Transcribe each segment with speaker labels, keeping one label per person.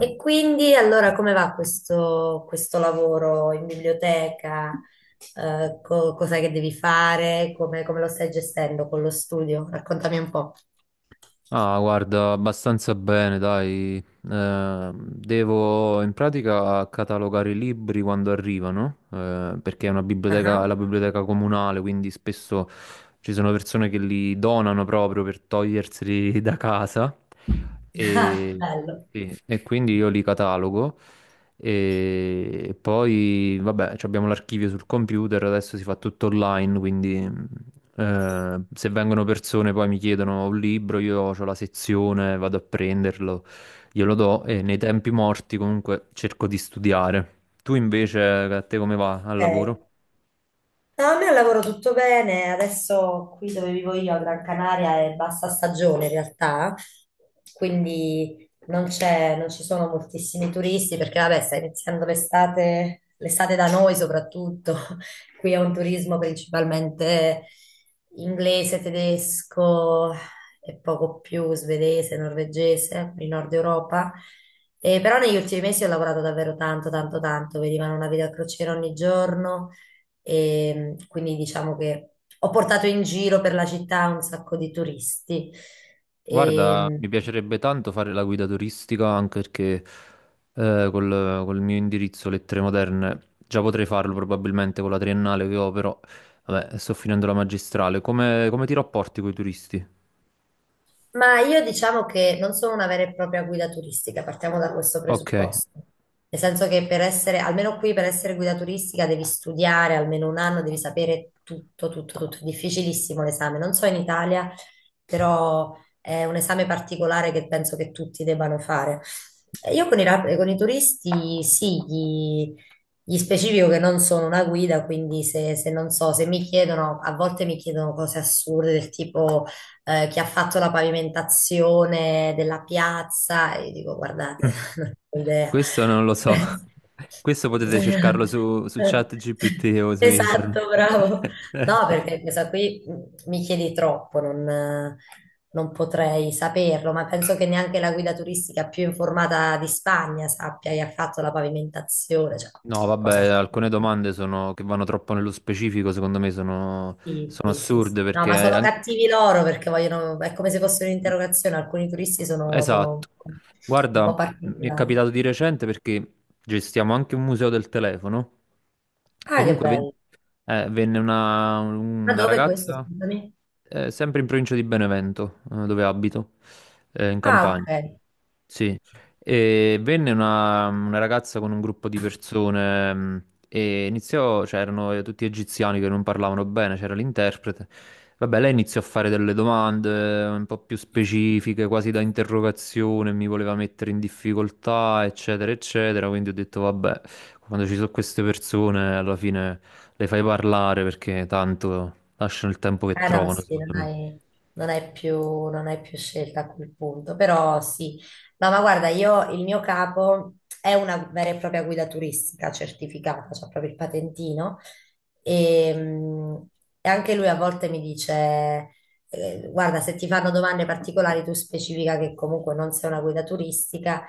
Speaker 1: E quindi allora come va questo lavoro in biblioteca? Cos'è che devi fare? Come lo stai gestendo con lo studio? Raccontami un po'.
Speaker 2: Ah, guarda, abbastanza bene, dai. Devo in pratica catalogare i libri quando arrivano, perché è una
Speaker 1: Ah,
Speaker 2: biblioteca, è
Speaker 1: ah.
Speaker 2: la biblioteca comunale, quindi spesso ci sono persone che li donano proprio per toglierseli da casa.
Speaker 1: Ah,
Speaker 2: E,
Speaker 1: bello.
Speaker 2: sì, e quindi io li catalogo. E poi, vabbè, ci abbiamo l'archivio sul computer, adesso si fa tutto online, quindi. Se vengono persone poi mi chiedono un libro, io ho la sezione, vado a prenderlo, glielo do e nei tempi morti comunque cerco di studiare. Tu invece, a te come va al
Speaker 1: Ok.
Speaker 2: lavoro?
Speaker 1: No, a me al lavoro tutto bene, adesso qui dove vivo io a Gran Canaria è bassa stagione in realtà, quindi non ci sono moltissimi turisti perché vabbè sta iniziando l'estate, l'estate da noi soprattutto, qui è un turismo principalmente inglese, tedesco e poco più svedese, norvegese, il nord Europa. E però negli ultimi mesi ho lavorato davvero tanto, tanto, tanto, vedevano una vita a crociera ogni giorno e quindi diciamo che ho portato in giro per la città un sacco di turisti.
Speaker 2: Guarda,
Speaker 1: E,
Speaker 2: mi piacerebbe tanto fare la guida turistica anche perché col mio indirizzo Lettere Moderne già potrei farlo probabilmente con la triennale che ho, però vabbè, sto finendo la magistrale. Come ti rapporti con i turisti?
Speaker 1: ma io diciamo che non sono una vera e propria guida turistica, partiamo da questo
Speaker 2: Ok.
Speaker 1: presupposto. Nel senso che almeno qui per essere guida turistica devi studiare almeno un anno, devi sapere tutto, tutto, tutto. È difficilissimo l'esame. Non so in Italia, però è un esame particolare che penso che tutti debbano fare. E io con i turisti sì, gli specifico che non sono una guida, quindi se non so, se mi chiedono, a volte mi chiedono cose assurde del tipo chi ha fatto la pavimentazione della piazza, e io dico, guardate, non ho idea.
Speaker 2: Questo non lo so. Questo potete cercarlo su ChatGPT o su internet.
Speaker 1: Esatto, bravo. No, perché questa qui mi chiedi troppo, non potrei saperlo, ma penso che neanche la guida turistica più informata di Spagna sappia chi ha fatto la pavimentazione, cioè
Speaker 2: No,
Speaker 1: cose
Speaker 2: vabbè, alcune
Speaker 1: assurde.
Speaker 2: domande sono, che vanno troppo nello specifico, secondo me
Speaker 1: Sì,
Speaker 2: sono
Speaker 1: sì, sì, sì.
Speaker 2: assurde
Speaker 1: No,
Speaker 2: perché
Speaker 1: ma sono cattivi loro perché vogliono, è come se fosse
Speaker 2: mm,
Speaker 1: un'interrogazione. Alcuni turisti sono
Speaker 2: esatto.
Speaker 1: un
Speaker 2: Guarda,
Speaker 1: po'
Speaker 2: mi è
Speaker 1: particolari.
Speaker 2: capitato di recente perché gestiamo anche un museo del telefono.
Speaker 1: Ah, che
Speaker 2: Comunque ven-
Speaker 1: bello.
Speaker 2: Venne
Speaker 1: Ma
Speaker 2: una
Speaker 1: dove è questo?
Speaker 2: ragazza.
Speaker 1: Scusami.
Speaker 2: Sempre in provincia di Benevento, dove abito, in
Speaker 1: Ah,
Speaker 2: Campania.
Speaker 1: ok.
Speaker 2: Sì, e venne una ragazza con un gruppo di persone e cioè erano tutti egiziani che non parlavano bene, c'era l'interprete. Vabbè, lei iniziò a fare delle domande un po' più specifiche, quasi da interrogazione, mi voleva mettere in difficoltà, eccetera, eccetera. Quindi ho detto, vabbè, quando ci sono queste persone, alla fine le fai parlare perché tanto lasciano il tempo che
Speaker 1: No,
Speaker 2: trovano,
Speaker 1: sì,
Speaker 2: secondo me.
Speaker 1: non hai più, non hai più scelta a quel punto, però sì. No, ma guarda, io, il mio capo è una vera e propria guida turistica certificata, c'ha proprio il patentino, e, mh, e anche lui a volte mi dice, guarda, se ti fanno domande particolari tu specifica che comunque non sei una guida turistica,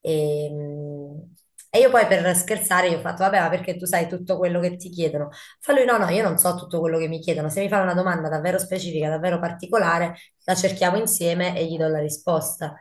Speaker 1: e, mh, e io poi per scherzare gli ho fatto, vabbè, ma perché tu sai tutto quello che ti chiedono? Fa lui, no, no, io non so tutto quello che mi chiedono, se mi fa una domanda davvero specifica, davvero particolare, la cerchiamo insieme e gli do la risposta.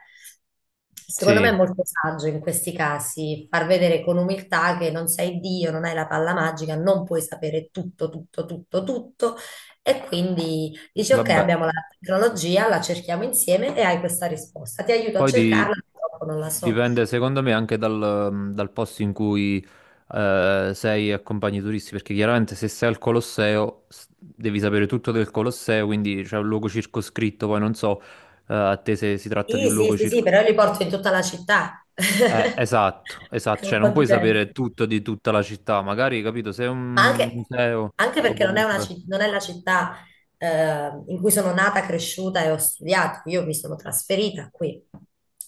Speaker 1: Secondo me è
Speaker 2: Sì,
Speaker 1: molto saggio in questi casi far vedere con umiltà che non sei Dio, non hai la palla magica, non puoi sapere tutto, tutto, tutto, tutto e quindi dici ok,
Speaker 2: vabbè.
Speaker 1: abbiamo la tecnologia, la cerchiamo insieme e hai questa risposta. Ti aiuto a
Speaker 2: Poi di-
Speaker 1: cercarla, purtroppo non la so.
Speaker 2: Dipende, secondo me, anche dal posto in cui sei e accompagni i turisti, perché chiaramente se sei al Colosseo devi sapere tutto del Colosseo, quindi c'è un luogo circoscritto, poi non so a te se si tratta di
Speaker 1: Sì,
Speaker 2: un
Speaker 1: sì,
Speaker 2: luogo
Speaker 1: sì, sì,
Speaker 2: circoscritto.
Speaker 1: però io li porto in tutta la città. È
Speaker 2: Esatto,
Speaker 1: un
Speaker 2: cioè
Speaker 1: po'
Speaker 2: non puoi sapere
Speaker 1: diverso.
Speaker 2: tutto di tutta la città, magari, capito, se è
Speaker 1: Ma
Speaker 2: un
Speaker 1: anche,
Speaker 2: museo
Speaker 1: anche
Speaker 2: o
Speaker 1: perché
Speaker 2: comunque...
Speaker 1: non è la città in cui sono nata, cresciuta e ho studiato. Io mi sono trasferita qui,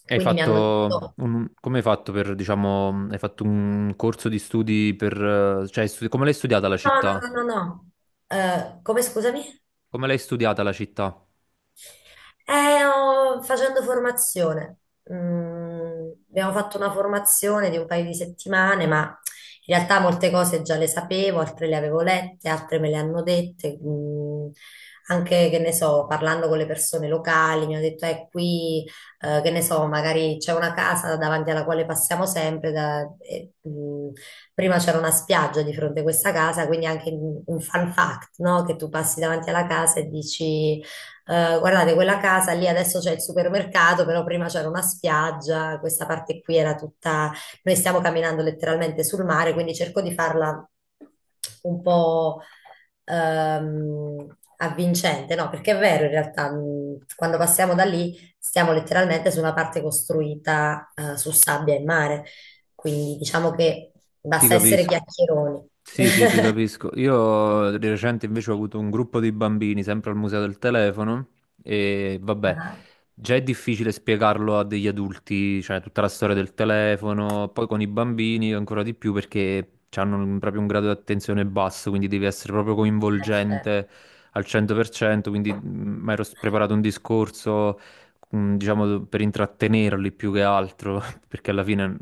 Speaker 2: Hai
Speaker 1: quindi mi hanno
Speaker 2: fatto
Speaker 1: detto:
Speaker 2: un... come hai fatto per, diciamo, hai fatto un corso di studi per, come l'hai studiata la
Speaker 1: no, no,
Speaker 2: città?
Speaker 1: no, no, no. Come scusami?
Speaker 2: Come l'hai studiata la città?
Speaker 1: Facendo formazione. Mm, abbiamo fatto una formazione di un paio di settimane, ma in realtà molte cose già le sapevo, altre le avevo lette, altre me le hanno dette. Mm, anche, che ne so, parlando con le persone locali, mi hanno detto, qui, che ne so, magari c'è una casa davanti alla quale passiamo sempre. Prima c'era una spiaggia di fronte a questa casa, quindi anche un fun fact, no? Che tu passi davanti alla casa e dici... guardate, quella casa lì adesso c'è il supermercato, però prima c'era una spiaggia, questa parte qui era tutta... Noi stiamo camminando letteralmente sul mare, quindi cerco di farla un po' avvincente, no? Perché è vero, in realtà, quando passiamo da lì stiamo letteralmente su una parte costruita su sabbia e mare, quindi diciamo che
Speaker 2: Ti
Speaker 1: basta essere
Speaker 2: capisco.
Speaker 1: chiacchieroni.
Speaker 2: Sì, ti capisco. Io di recente invece ho avuto un gruppo di bambini, sempre al museo del telefono, e vabbè,
Speaker 1: Ah,
Speaker 2: già è difficile spiegarlo a degli adulti, cioè tutta la storia del telefono, poi con i bambini ancora di più perché proprio un grado di attenzione basso, quindi devi essere proprio
Speaker 1: certo.
Speaker 2: coinvolgente al 100%, quindi preparato un discorso, diciamo, per intrattenerli più che altro, perché alla fine,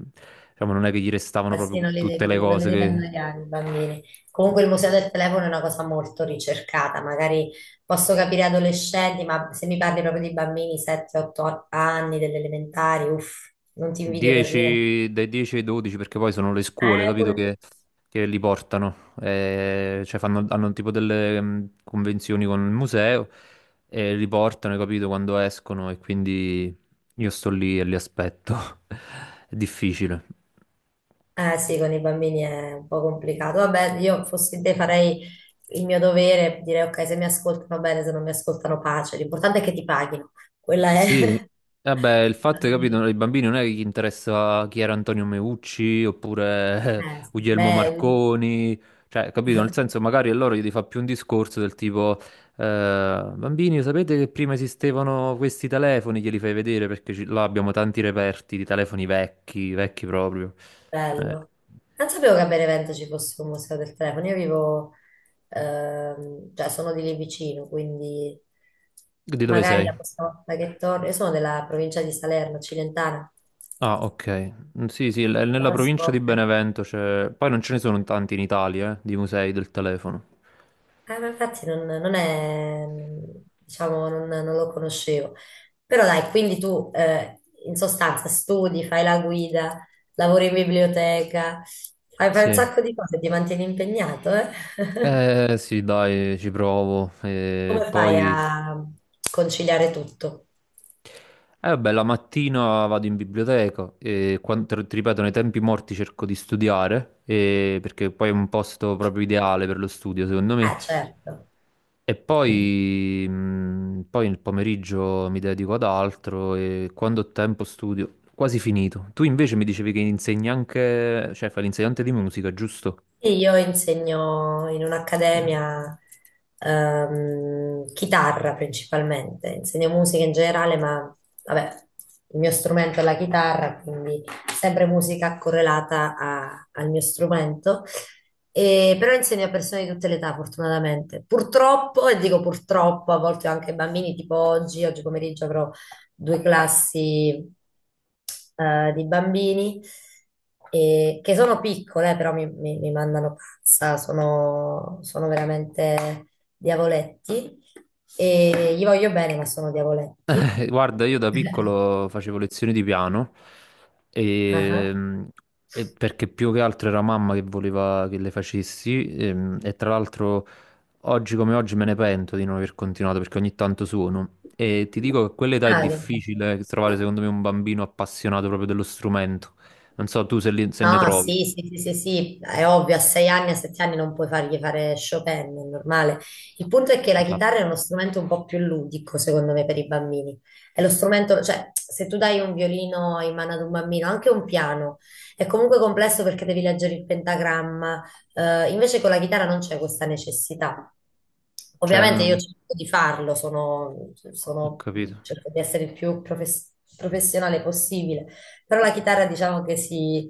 Speaker 2: diciamo, non è che gli restavano
Speaker 1: Eh sì,
Speaker 2: proprio tutte le
Speaker 1: non li
Speaker 2: cose
Speaker 1: devi
Speaker 2: che...
Speaker 1: annoiare i bambini. Comunque il museo del telefono è una cosa molto ricercata, magari posso capire adolescenti, ma se mi parli proprio di bambini 7-8 anni, delle elementari, uff, non ti invidio per niente.
Speaker 2: 10, dai 10 ai 12 perché poi sono le scuole,
Speaker 1: Eh,
Speaker 2: capito,
Speaker 1: pure-
Speaker 2: che li portano. Cioè fanno, hanno tipo delle convenzioni con il museo e li portano, hai capito, quando escono e quindi io sto lì e li aspetto. È difficile.
Speaker 1: eh sì, con i bambini è un po' complicato. Vabbè, io fossi te farei il mio dovere, direi ok, se mi ascoltano bene, se non mi ascoltano pace. L'importante è che ti paghino. Quella
Speaker 2: Sì,
Speaker 1: è...
Speaker 2: vabbè, il fatto è che capito, ai bambini non è che gli interessa chi era Antonio Meucci oppure
Speaker 1: Sì,
Speaker 2: Guglielmo
Speaker 1: bello.
Speaker 2: Marconi, cioè, capito, nel senso magari a loro gli fa più un discorso del tipo, bambini, sapete che prima esistevano questi telefoni, glieli fai vedere perché là abbiamo tanti reperti di telefoni vecchi, vecchi proprio. Eh,
Speaker 1: Bello. Non sapevo che a Benevento ci fosse un museo del telefono. Io vivo, cioè sono di lì vicino, quindi
Speaker 2: di dove
Speaker 1: magari
Speaker 2: sei?
Speaker 1: la prossima volta che torno, io sono della provincia di Salerno, Cilentana,
Speaker 2: Ah, ok. Mm, sì,
Speaker 1: la
Speaker 2: nella
Speaker 1: prossima
Speaker 2: provincia di
Speaker 1: volta.
Speaker 2: Benevento c'è... Poi non ce ne sono tanti in Italia, di musei del telefono.
Speaker 1: Ma infatti non è, diciamo, non lo conoscevo. Però dai, quindi tu in sostanza studi, fai la guida, lavori in biblioteca, fai un
Speaker 2: Sì.
Speaker 1: sacco di cose, ti mantieni impegnato, eh?
Speaker 2: Eh sì, dai, ci provo. E
Speaker 1: Come fai
Speaker 2: poi,
Speaker 1: a conciliare tutto?
Speaker 2: eh vabbè, la mattina vado in biblioteca e quando, ti ripeto, nei tempi morti cerco di studiare, perché poi è un posto proprio ideale per lo studio, secondo me.
Speaker 1: Certo.
Speaker 2: E poi, poi nel pomeriggio mi dedico ad altro e quando ho tempo studio, quasi finito. Tu invece mi dicevi che insegni anche, cioè fai l'insegnante di musica, giusto?
Speaker 1: E io insegno in un'accademia chitarra principalmente, insegno musica in generale, ma vabbè, il mio strumento è la chitarra, quindi sempre musica correlata al mio strumento. E però insegno a persone di tutte le età, fortunatamente. Purtroppo, e dico purtroppo, a volte anche ai bambini, tipo oggi, oggi pomeriggio avrò due classi di bambini che sono piccole, però mi mandano pazza, sono veramente diavoletti e gli voglio bene, ma sono diavoletti.
Speaker 2: Guarda, io da piccolo facevo lezioni di piano
Speaker 1: Ah,
Speaker 2: e,
Speaker 1: ah.
Speaker 2: mm, e perché più che altro era mamma che voleva che le facessi e tra l'altro oggi come oggi me ne pento di non aver continuato perché ogni tanto suono e ti dico che a quell'età è
Speaker 1: Ah, che bello.
Speaker 2: difficile trovare secondo me un bambino appassionato proprio dello strumento. Non so tu se ne
Speaker 1: No,
Speaker 2: trovi.
Speaker 1: sì, sì, sì, sì, sì, è ovvio, a 6 anni, a 7 anni non puoi fargli fare Chopin, è normale. Il punto è che la chitarra
Speaker 2: Esatto.
Speaker 1: è uno strumento un po' più ludico, secondo me, per i bambini. È lo strumento, cioè, se tu dai un violino in mano ad un bambino, anche un piano, è comunque complesso perché devi leggere il pentagramma, invece con la chitarra non c'è questa necessità.
Speaker 2: Cioè,
Speaker 1: Ovviamente io
Speaker 2: non-
Speaker 1: cerco di farlo,
Speaker 2: Ho capito.
Speaker 1: cerco di essere il più professionale possibile però la chitarra diciamo che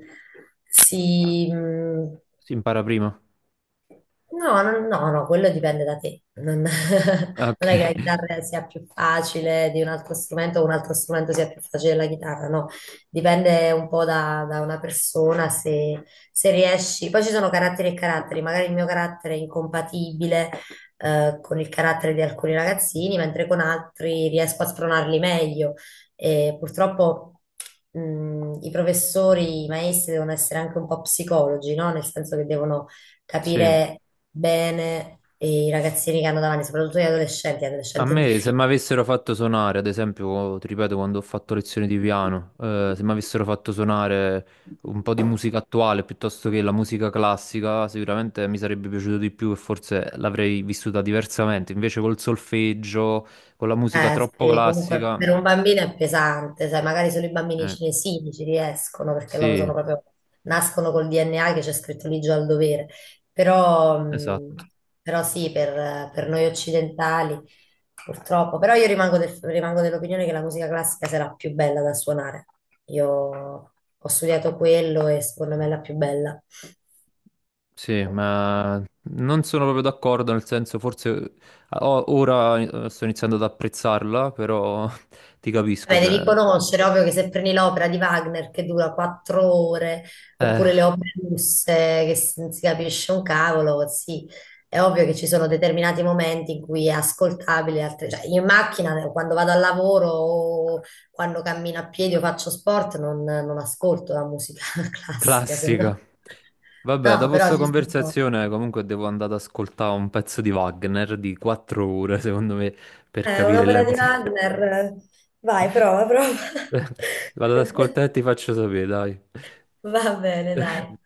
Speaker 1: si, mh,
Speaker 2: Si impara prima.
Speaker 1: no, no, no, no, quello dipende da te. Non,
Speaker 2: Ok,
Speaker 1: non è che la chitarra sia più facile di un altro strumento o un altro strumento sia più facile della chitarra, no. Dipende un po' da una persona se riesci. Poi ci sono caratteri e caratteri, magari il mio carattere è incompatibile con il carattere di alcuni ragazzini, mentre con altri riesco a spronarli meglio. E purtroppo i maestri devono essere anche un po' psicologi, no? Nel senso che devono
Speaker 2: sì.
Speaker 1: capire bene i ragazzini che hanno davanti, soprattutto gli
Speaker 2: A
Speaker 1: adolescenti è
Speaker 2: me, se mi
Speaker 1: difficile.
Speaker 2: avessero fatto suonare, ad esempio, ti ripeto, quando ho fatto lezioni di piano, se mi avessero fatto suonare un po' di musica attuale piuttosto che la musica classica, sicuramente mi sarebbe piaciuto di più e forse l'avrei vissuta diversamente. Invece col solfeggio, con la musica troppo
Speaker 1: Sì, comunque
Speaker 2: classica,
Speaker 1: per un bambino è pesante, sai, magari solo i bambini
Speaker 2: eh,
Speaker 1: cinesini ci riescono perché loro
Speaker 2: sì,
Speaker 1: sono proprio, nascono col DNA che c'è scritto lì già al dovere, però,
Speaker 2: esatto.
Speaker 1: però sì, per noi occidentali purtroppo, però io rimango, rimango dell'opinione che la musica classica sarà più bella da suonare. Io ho studiato quello e secondo me è la più bella.
Speaker 2: Sì, ma non sono proprio d'accordo, nel senso, forse ora sto iniziando ad apprezzarla, però ti capisco,
Speaker 1: Beh,
Speaker 2: cioè...
Speaker 1: devi conoscere, ovvio che se prendi l'opera di Wagner che dura 4 ore,
Speaker 2: eh.
Speaker 1: oppure le opere russe che non si capisce un cavolo, sì, è ovvio che ci sono determinati momenti in cui è ascoltabile, altre- cioè, io in macchina quando vado al lavoro o quando cammino a piedi o faccio sport non ascolto la musica classica, se no...
Speaker 2: Classica. Vabbè,
Speaker 1: No,
Speaker 2: dopo
Speaker 1: però
Speaker 2: sta
Speaker 1: ci sono...
Speaker 2: conversazione comunque devo andare ad ascoltare un pezzo di Wagner di 4 ore, secondo me, per
Speaker 1: È
Speaker 2: capire la
Speaker 1: un'opera di
Speaker 2: musica.
Speaker 1: Wagner, vai, prova, prova.
Speaker 2: Vado ad ascoltare e ti faccio sapere, dai.
Speaker 1: Va bene, dai.